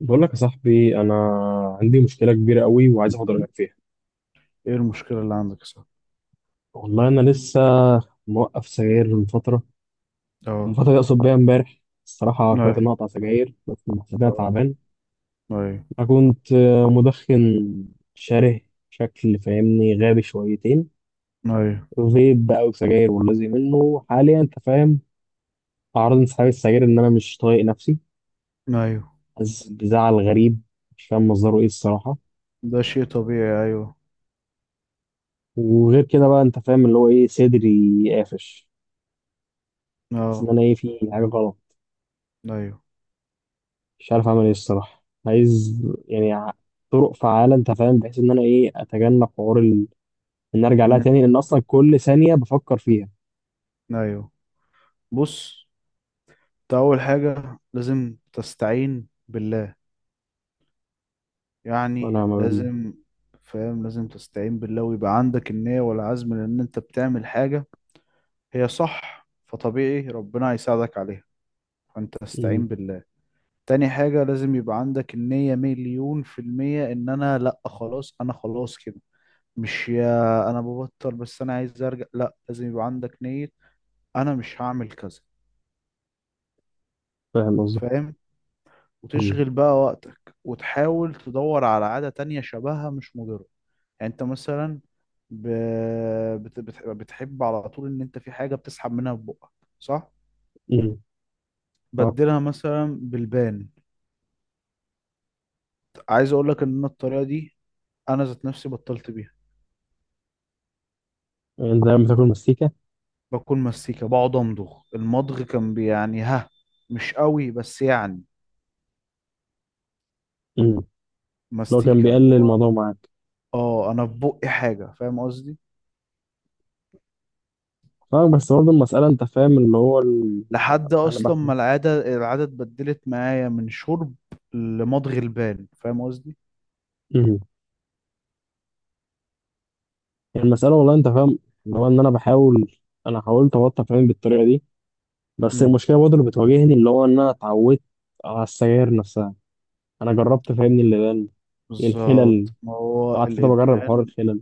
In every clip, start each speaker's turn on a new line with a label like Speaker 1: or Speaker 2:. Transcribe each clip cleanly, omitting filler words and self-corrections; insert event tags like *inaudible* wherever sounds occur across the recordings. Speaker 1: بقول لك يا صاحبي انا عندي مشكله كبيره قوي وعايز اخد رايك فيها.
Speaker 2: ايه المشكلة اللي عندك يا صاحبي؟
Speaker 1: والله انا لسه موقف سجاير من فتره.
Speaker 2: اه.
Speaker 1: يقصد بيها امبارح الصراحه. قررت ان
Speaker 2: ايوه.
Speaker 1: أنا اقطع سجاير بس محسبها
Speaker 2: اه.
Speaker 1: تعبان.
Speaker 2: ايوه.
Speaker 1: انا كنت مدخن شره. شكل فاهمني غابي شويتين.
Speaker 2: ايوه.
Speaker 1: فيب بقى وسجاير والذي منه حاليا انت فاهم. اعراض انسحاب السجاير ان انا مش طايق نفسي.
Speaker 2: ايوه.
Speaker 1: حاسس بزعل غريب مش فاهم مصدره ايه الصراحه.
Speaker 2: ده شيء طبيعي. ايوه.
Speaker 1: وغير كده بقى انت فاهم اللي هو ايه صدري قافش. حاسس ان
Speaker 2: اه.
Speaker 1: انا ايه في حاجه غلط.
Speaker 2: ايوه.
Speaker 1: مش عارف اعمل ايه الصراحه. عايز يعني طرق فعاله انت فاهم بحيث ان انا ايه اتجنب حوار ان ارجع لها
Speaker 2: ان انت
Speaker 1: تاني لان اصلا كل ثانيه بفكر فيها.
Speaker 2: ايوه. بص، انت اول حاجة لازم تستعين بالله. يعني
Speaker 1: وانا ما بالله.
Speaker 2: لازم. فاهم، لازم تستعين بالله ويبقى عندك النية والعزم لان انت بتعمل حاجة هي صح، فطبيعي ربنا هيساعدك عليها. فانت
Speaker 1: أمم،
Speaker 2: استعين بالله. تاني حاجة، لازم يبقى عندك النية مليون في المية ان انا لا، خلاص انا خلاص كده. مش يا انا ببطل بس انا عايز ارجع، لا، لازم يبقى عندك نية. انا مش هعمل كذا.
Speaker 1: فاهم قصدك.
Speaker 2: فاهم.
Speaker 1: أمم،
Speaker 2: وتشغل بقى وقتك وتحاول تدور على عادة تانية شبهها مش مضرة. يعني انت مثلا ب... بتحب على طول ان انت في حاجة بتسحب منها في بقك، صح.
Speaker 1: أمم، آه.
Speaker 2: بدلها مثلا بالبان. عايز اقول لك ان أنا الطريقة دي انا ذات نفسي بطلت بيها.
Speaker 1: انت لما بتاكل مستيكه؟
Speaker 2: باكل مستيكة، بقعد امضغ المضغ، كان يعني ها، مش قوي بس يعني.
Speaker 1: اللي هو كان
Speaker 2: مستيكة.
Speaker 1: بيقلل الموضوع معاك.
Speaker 2: اه، انا في بقي حاجه، فاهم قصدي.
Speaker 1: فاهم بس برضه المساله انت فاهم اللي هو
Speaker 2: لحد
Speaker 1: انا
Speaker 2: اصلا
Speaker 1: بح...
Speaker 2: ما العاده اتبدلت معايا من شرب لمضغ البال، فاهم قصدي.
Speaker 1: أمم. المساله والله انت فاهم اللي هو ان انا بحاول. انا حاولت ابطل فاهم بالطريقه دي. بس
Speaker 2: امم.
Speaker 1: المشكله برضه اللي بتواجهني اللي هو ان انا اتعودت على السجاير نفسها. انا جربت فاهمني اللبان. الخلل
Speaker 2: بالظبط، ما هو
Speaker 1: قعدت فتره بجرب حوار
Speaker 2: الادمان.
Speaker 1: الخلل.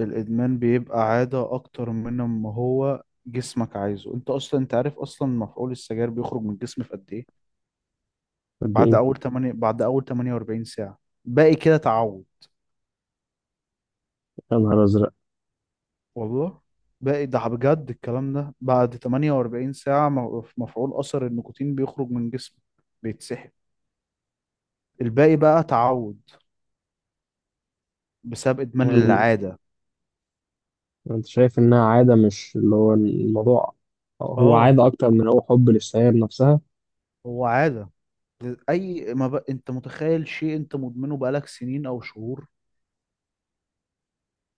Speaker 2: الادمان بيبقى عاده اكتر من ما هو جسمك عايزه، انت اصلا انت عارف اصلا مفعول السجاير بيخرج من الجسم في قد ايه؟
Speaker 1: قد
Speaker 2: بعد
Speaker 1: ايه؟
Speaker 2: اول 8، بعد اول 48 ساعه، باقي كده تعود.
Speaker 1: يا نهار ازرق.
Speaker 2: والله، بقى ده بجد الكلام ده، بعد 48 ساعة في مفعول أثر النيكوتين بيخرج من جسمه، بيتسحب. الباقي بقى تعود بسبب إدمان
Speaker 1: يعني
Speaker 2: العادة.
Speaker 1: انت شايف انها عاده مش اللي هو الموضوع. هو
Speaker 2: اه،
Speaker 1: عاده اكتر من هو حب للسيارة نفسها.
Speaker 2: هو عادة. أي ما بقى أنت متخيل شيء أنت مدمنه بقالك سنين أو شهور،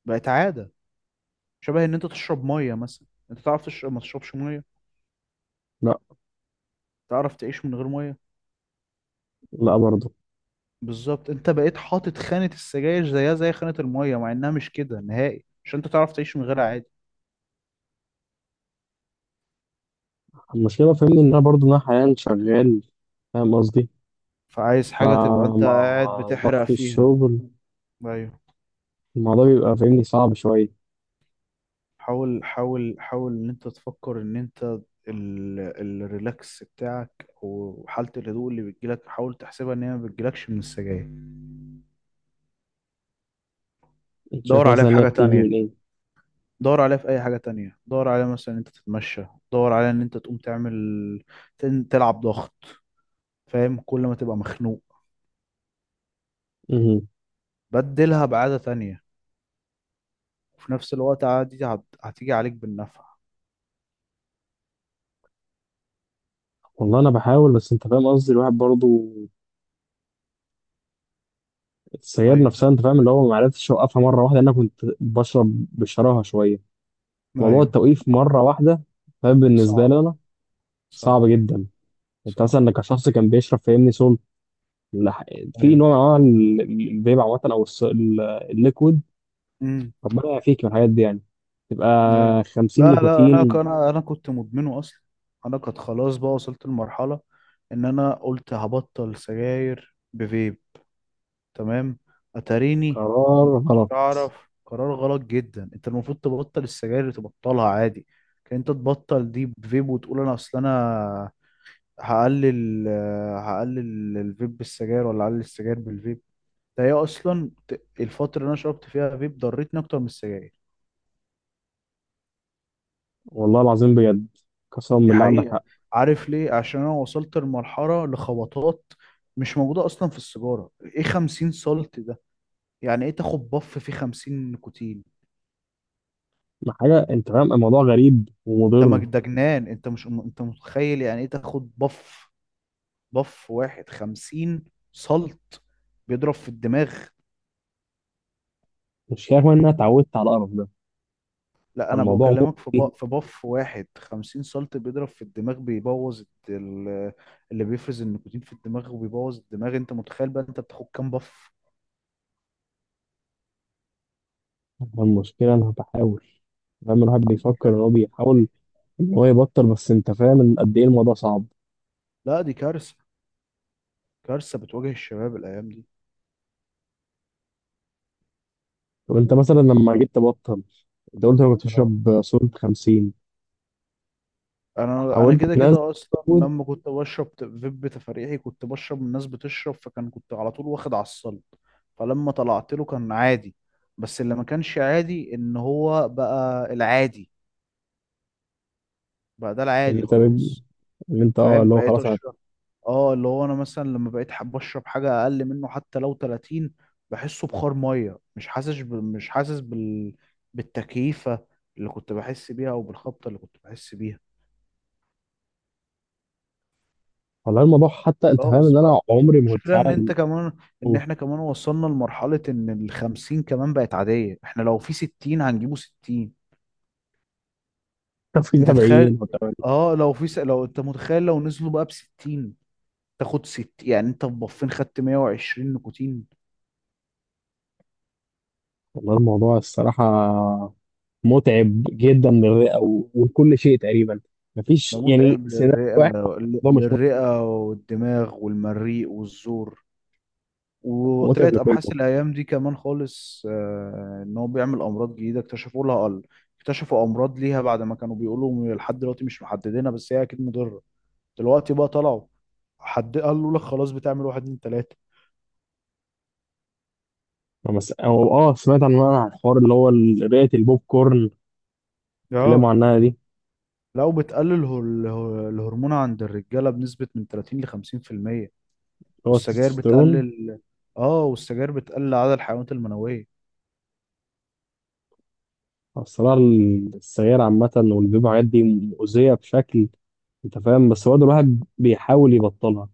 Speaker 2: بقت عادة. شبه إن أنت تشرب مية مثلا، أنت تعرف تشرب ما تشربش مية؟
Speaker 1: لا.
Speaker 2: تعرف تعيش من غير مية؟
Speaker 1: لا برضه.
Speaker 2: بالظبط، أنت بقيت حاطط خانة السجاير زيها زي خانة المية، مع إنها مش كده نهائي، عشان أنت تعرف تعيش من غيرها عادي.
Speaker 1: المشكله فاهمني ان انا برضه انا حاليا شغال فاهم قصدي.
Speaker 2: فعايز حاجة تبقى انت
Speaker 1: فمع
Speaker 2: قاعد بتحرق
Speaker 1: ضغط
Speaker 2: فيها.
Speaker 1: الشغل
Speaker 2: ايوه.
Speaker 1: الموضوع بيبقى فاهمني صعب شويه.
Speaker 2: حاول حاول حاول ان انت تفكر ان انت ال... الريلاكس بتاعك وحالة الهدوء اللي بتجيلك حاول تحسبها ان هي ما بتجيلكش من السجاير.
Speaker 1: انت شايف
Speaker 2: دور عليها
Speaker 1: مثلا
Speaker 2: في
Speaker 1: ان هي
Speaker 2: حاجة
Speaker 1: بتيجي من
Speaker 2: تانية.
Speaker 1: ايه؟
Speaker 2: دور عليها في أي حاجة تانية، دور عليها مثلا إن أنت تتمشى، دور عليها إن أنت تقوم تعمل تلعب ضغط، فاهم، كل ما تبقى مخنوق
Speaker 1: مهم.
Speaker 2: بدلها بعادة تانية. وفي نفس الوقت عادي هتيجي عليك بالنفع.
Speaker 1: والله انا بحاول بس انت فاهم قصدي الواحد برضه. السيارة
Speaker 2: أيوه.
Speaker 1: نفسها انت فاهم اللي هو ما عرفتش اوقفها مرة واحدة لأن انا كنت بشرب بشراهة شوية. موضوع
Speaker 2: أيوه.
Speaker 1: التوقيف مرة واحدة فاهم بالنسبة
Speaker 2: صعب.
Speaker 1: لي انا
Speaker 2: صعب.
Speaker 1: صعب جدا. انت
Speaker 2: صح.
Speaker 1: مثلا انك شخص كان بيشرب فاهمني سول لح- في
Speaker 2: ايوه.
Speaker 1: نوع من انواع الفيب عامة او الليكويد.
Speaker 2: امم.
Speaker 1: ربنا يعافيك من الحاجات دي يعني. تبقى
Speaker 2: ايوه.
Speaker 1: 50
Speaker 2: لا، لا، انا
Speaker 1: نيكوتين.
Speaker 2: كان انا انا كنت مدمنه اصلا. انا كنت خلاص بقى وصلت لمرحله ان انا قلت هبطل سجاير بفيب. تمام. اتاريني
Speaker 1: قرار
Speaker 2: ما كنتش
Speaker 1: غلط.
Speaker 2: اعرف. قرار غلط جدا، انت المفروض تبطل السجاير تبطلها عادي. كان انت تبطل دي بفيب وتقول انا اصل انا هقلل، هقلل الفيب بالسجاير ولا هقلل السجاير بالفيب. ده هي اصلا الفتره اللي انا شربت فيها فيب ضرتني اكتر من السجاير.
Speaker 1: والله العظيم بجد قسما
Speaker 2: دي
Speaker 1: بالله عندك
Speaker 2: حقيقة.
Speaker 1: حق.
Speaker 2: عارف ليه؟ عشان أنا وصلت لمرحلة لخبطات مش موجودة أصلا في السيجارة. إيه 50 سولت ده؟ يعني إيه تاخد بف فيه 50 نيكوتين؟
Speaker 1: ما حاجة انت فاهم الموضوع غريب ومضر.
Speaker 2: ده جنان. أنت مش أنت متخيل يعني إيه تاخد بف واحد 50 سولت بيضرب في الدماغ؟
Speaker 1: مش كده كمان إن انا اتعودت على القرف ده.
Speaker 2: لا، أنا
Speaker 1: فالموضوع
Speaker 2: بكلمك
Speaker 1: مؤذي.
Speaker 2: في بف واحد 50 سولت بيضرب في الدماغ، بيبوظ اللي بيفرز النيكوتين في الدماغ وبيبوظ الدماغ. أنت متخيل بقى أنت بتاخد كام بف؟
Speaker 1: المشكلة أنا بحاول فاهم الواحد بيفكر إن هو بيحاول إن هو يبطل بس أنت فاهم إن قد إيه الموضوع صعب.
Speaker 2: لا، دي كارثة. كارثة بتواجه الشباب الأيام دي.
Speaker 1: طب أنت مثلا لما جيت تبطل أنت قلت أنا كنت
Speaker 2: آه.
Speaker 1: بشرب صورة 50.
Speaker 2: أنا
Speaker 1: حاولت
Speaker 2: كده
Speaker 1: تنزل.
Speaker 2: أصلا لما كنت بشرب فيب تفريحي، كنت بشرب من الناس بتشرب، كنت على طول واخد على الصلب. فلما طلعت له كان عادي. بس اللي ما كانش عادي إن هو بقى العادي. بقى ده
Speaker 1: اللي
Speaker 2: العادي
Speaker 1: أنت
Speaker 2: خلاص.
Speaker 1: اللي أنت أه
Speaker 2: فاهم،
Speaker 1: اللي هو
Speaker 2: بقيت
Speaker 1: خلاص أنا.
Speaker 2: أشرب. اه، اللي هو انا مثلا لما بقيت حابب اشرب حاجه اقل منه حتى لو 30، بحسه بخار ميه، مش حاسس مش حاسس بالتكييفه اللي كنت بحس بيها او بالخبطه اللي كنت بحس بيها.
Speaker 1: والله الموضوع حتى أنت فاهم
Speaker 2: خلاص
Speaker 1: إن
Speaker 2: بقى.
Speaker 1: أنا عمري ما كنت
Speaker 2: والمشكلة ان
Speaker 1: فعلا.
Speaker 2: انت كمان، ان
Speaker 1: بقول.
Speaker 2: احنا كمان وصلنا لمرحلة ان الـ50 كمان بقت عادية، احنا لو في 60 هنجيبه 60.
Speaker 1: *laughs* طب في
Speaker 2: انت تخيل.
Speaker 1: 70 و80؟
Speaker 2: اه، لو لو انت متخيل لو نزلوا بقى بـ60، تاخد ست، يعني انت ببفين خدت 120 نيكوتين.
Speaker 1: والله الموضوع الصراحة متعب جدا للرئة ولكل شيء تقريبا. مفيش
Speaker 2: ده
Speaker 1: يعني
Speaker 2: متعب
Speaker 1: سيناريو
Speaker 2: للرئة.
Speaker 1: واحد. الموضوع مش متعب.
Speaker 2: للرئة والدماغ والمريء والزور.
Speaker 1: هو متعب
Speaker 2: وطلعت
Speaker 1: لكل.
Speaker 2: ابحاث الايام دي كمان خالص، ان هو بيعمل امراض جديده اكتشفوا لها قل. اكتشفوا امراض ليها بعد ما كانوا بيقولوا لحد دلوقتي مش محددينها، بس هي اكيد مضره. دلوقتي بقى طلعوا. حد قال له لك خلاص بتعمل واحد اتنين تلاته.
Speaker 1: ما بس أو آه سمعت عن الحوار اللي هو رئة البوب كورن. اتكلموا
Speaker 2: اه.
Speaker 1: عنها دي اللي
Speaker 2: لو بتقلل الهرمون عند الرجاله بنسبه من 30 ل 50%.
Speaker 1: هو
Speaker 2: والسجاير
Speaker 1: التستوستيرون.
Speaker 2: بتقلل. اه، والسجاير بتقلل عدد الحيوانات المنويه.
Speaker 1: الصراحة السجاير عامة والفيب والحاجات دي مؤذية بشكل أنت فاهم بس هو ده الواحد بيحاول يبطلها.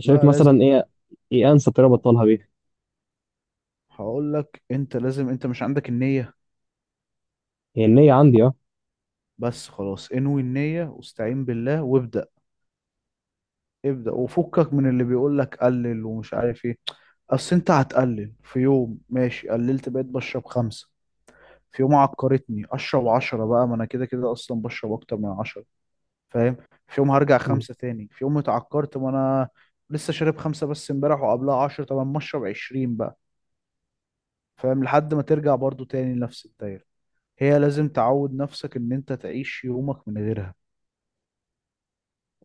Speaker 1: شايف
Speaker 2: لا،
Speaker 1: مثلا
Speaker 2: لازم.
Speaker 1: إيه أنسب طريقة أبطلها بيها؟
Speaker 2: هقول لك، انت لازم، انت مش عندك النيه.
Speaker 1: هي النية عندي أه.
Speaker 2: بس خلاص انوي النية واستعين بالله وابدأ. ابدأ وفكك من اللي بيقول لك قلل ومش عارف ايه. اصل انت هتقلل في يوم ماشي قللت بقيت بشرب خمسة، في يوم عكرتني اشرب 10، بقى ما انا كده كده اصلا بشرب اكتر من 10، فاهم. في يوم هرجع خمسة تاني، في يوم اتعكرت ما انا لسه شارب خمسة بس امبارح وقبلها 10، طب ما اشرب 20 بقى، فاهم، لحد ما ترجع برضو تاني لنفس الدايرة. هي لازم تعود نفسك ان انت تعيش يومك من غيرها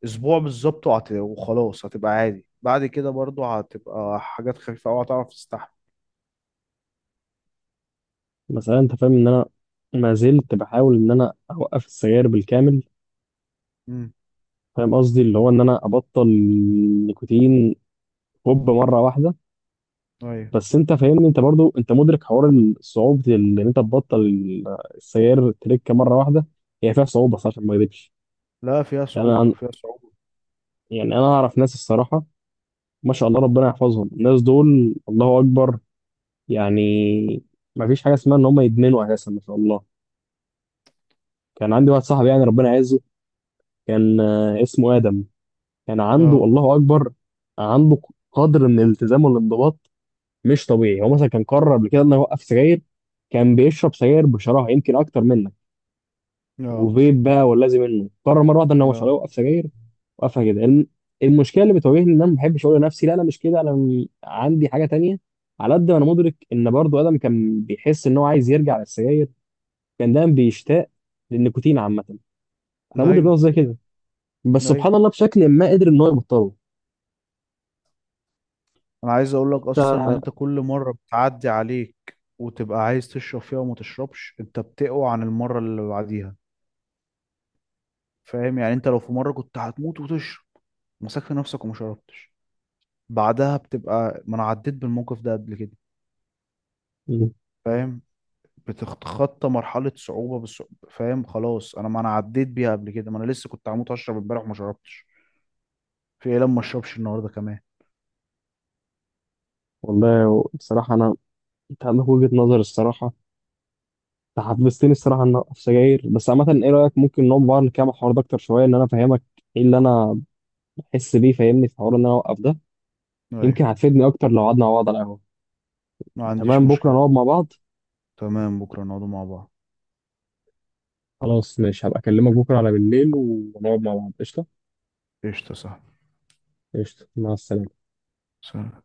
Speaker 2: اسبوع بالظبط، وخلاص هتبقى عادي، بعد كده برضو هتبقى حاجات خفيفة أوي هتعرف تستحمل.
Speaker 1: مثلا أنت فاهم إن أنا ما زلت بحاول إن أنا أوقف السجاير بالكامل.
Speaker 2: امم.
Speaker 1: فاهم قصدي اللي هو إن أنا أبطل النيكوتين هوب مرة واحدة.
Speaker 2: ايوه.
Speaker 1: بس انت فاهمني انت برضو انت مدرك حوار صعوبه ان انت تبطل السيار تريكه مره واحده. هي فيها صعوبه صح عشان ما اكذبش.
Speaker 2: لا، فيها
Speaker 1: يعني
Speaker 2: صعوبة،
Speaker 1: انا
Speaker 2: فيها صعوبة.
Speaker 1: يعني انا اعرف ناس الصراحه. ما شاء الله ربنا يحفظهم الناس دول الله اكبر. يعني ما فيش حاجه اسمها ان هم يدمنوا اساسا ما شاء الله. كان عندي واحد صاحبي يعني ربنا يعزه. كان اسمه ادم. كان عنده
Speaker 2: اه.
Speaker 1: الله اكبر. عنده قدر من الالتزام والانضباط مش طبيعي. هو مثلا كان قرر قبل كده انه يوقف سجاير. كان بيشرب سجاير بشراهه يمكن اكتر منك
Speaker 2: اه.
Speaker 1: وفيب بقى واللازم منه. قرر مره واحده ان هو مش
Speaker 2: اه.
Speaker 1: هيوقف سجاير. وقفها كده المشكله اللي بتواجهني ان انا ما بحبش اقول لنفسي لا انا مش كده انا عندي حاجه تانية. على قد ما انا مدرك ان برضو ادم كان بيحس ان هو عايز يرجع للسجاير. كان دايما بيشتاق للنيكوتين عامه. انا مدرك ان
Speaker 2: ايوه.
Speaker 1: هو زي كده. بس
Speaker 2: ايوه.
Speaker 1: سبحان الله بشكل ما قدر ان هو يبطله.
Speaker 2: انا عايز اقول لك
Speaker 1: انت
Speaker 2: اصلا ان انت كل مرة بتعدي عليك وتبقى عايز تشرب فيها وما تشربش، انت بتقوى عن المرة اللي بعديها، فاهم. يعني انت لو في مرة كنت هتموت وتشرب مسكت نفسك وما شربتش، بعدها بتبقى، ما انا عديت بالموقف ده قبل كده.
Speaker 1: مم.
Speaker 2: مم. فاهم. بتتخطى مرحلة صعوبة بالصعوبة، فاهم، خلاص انا، ما انا عديت بيها قبل كده، ما انا لسه كنت هموت اشرب امبارح وما شربتش، في ايه لما ما اشربش النهارده كمان؟
Speaker 1: والله بصراحه انا انت عندك وجهه نظر الصراحه. انت حفزتني الصراحه ان أنا اوقف سجاير. بس عامه ايه رايك ممكن نقعد بقى نكمل الحوار ده اكتر شويه ان انا افهمك ايه اللي انا احس بيه فاهمني في حوار ان انا اوقف ده؟
Speaker 2: ايوه.
Speaker 1: يمكن هتفيدني اكتر لو قعدنا مع بعض على القهوه.
Speaker 2: ما عنديش
Speaker 1: تمام بكره
Speaker 2: مشكلة.
Speaker 1: نقعد مع بعض.
Speaker 2: تمام، بكرة نقعدوا مع بعض.
Speaker 1: خلاص ماشي هبقى اكلمك بكره على بالليل ونقعد مع بعض قشطه.
Speaker 2: قشطة، صح.
Speaker 1: قشطه مع السلامه.
Speaker 2: سلام.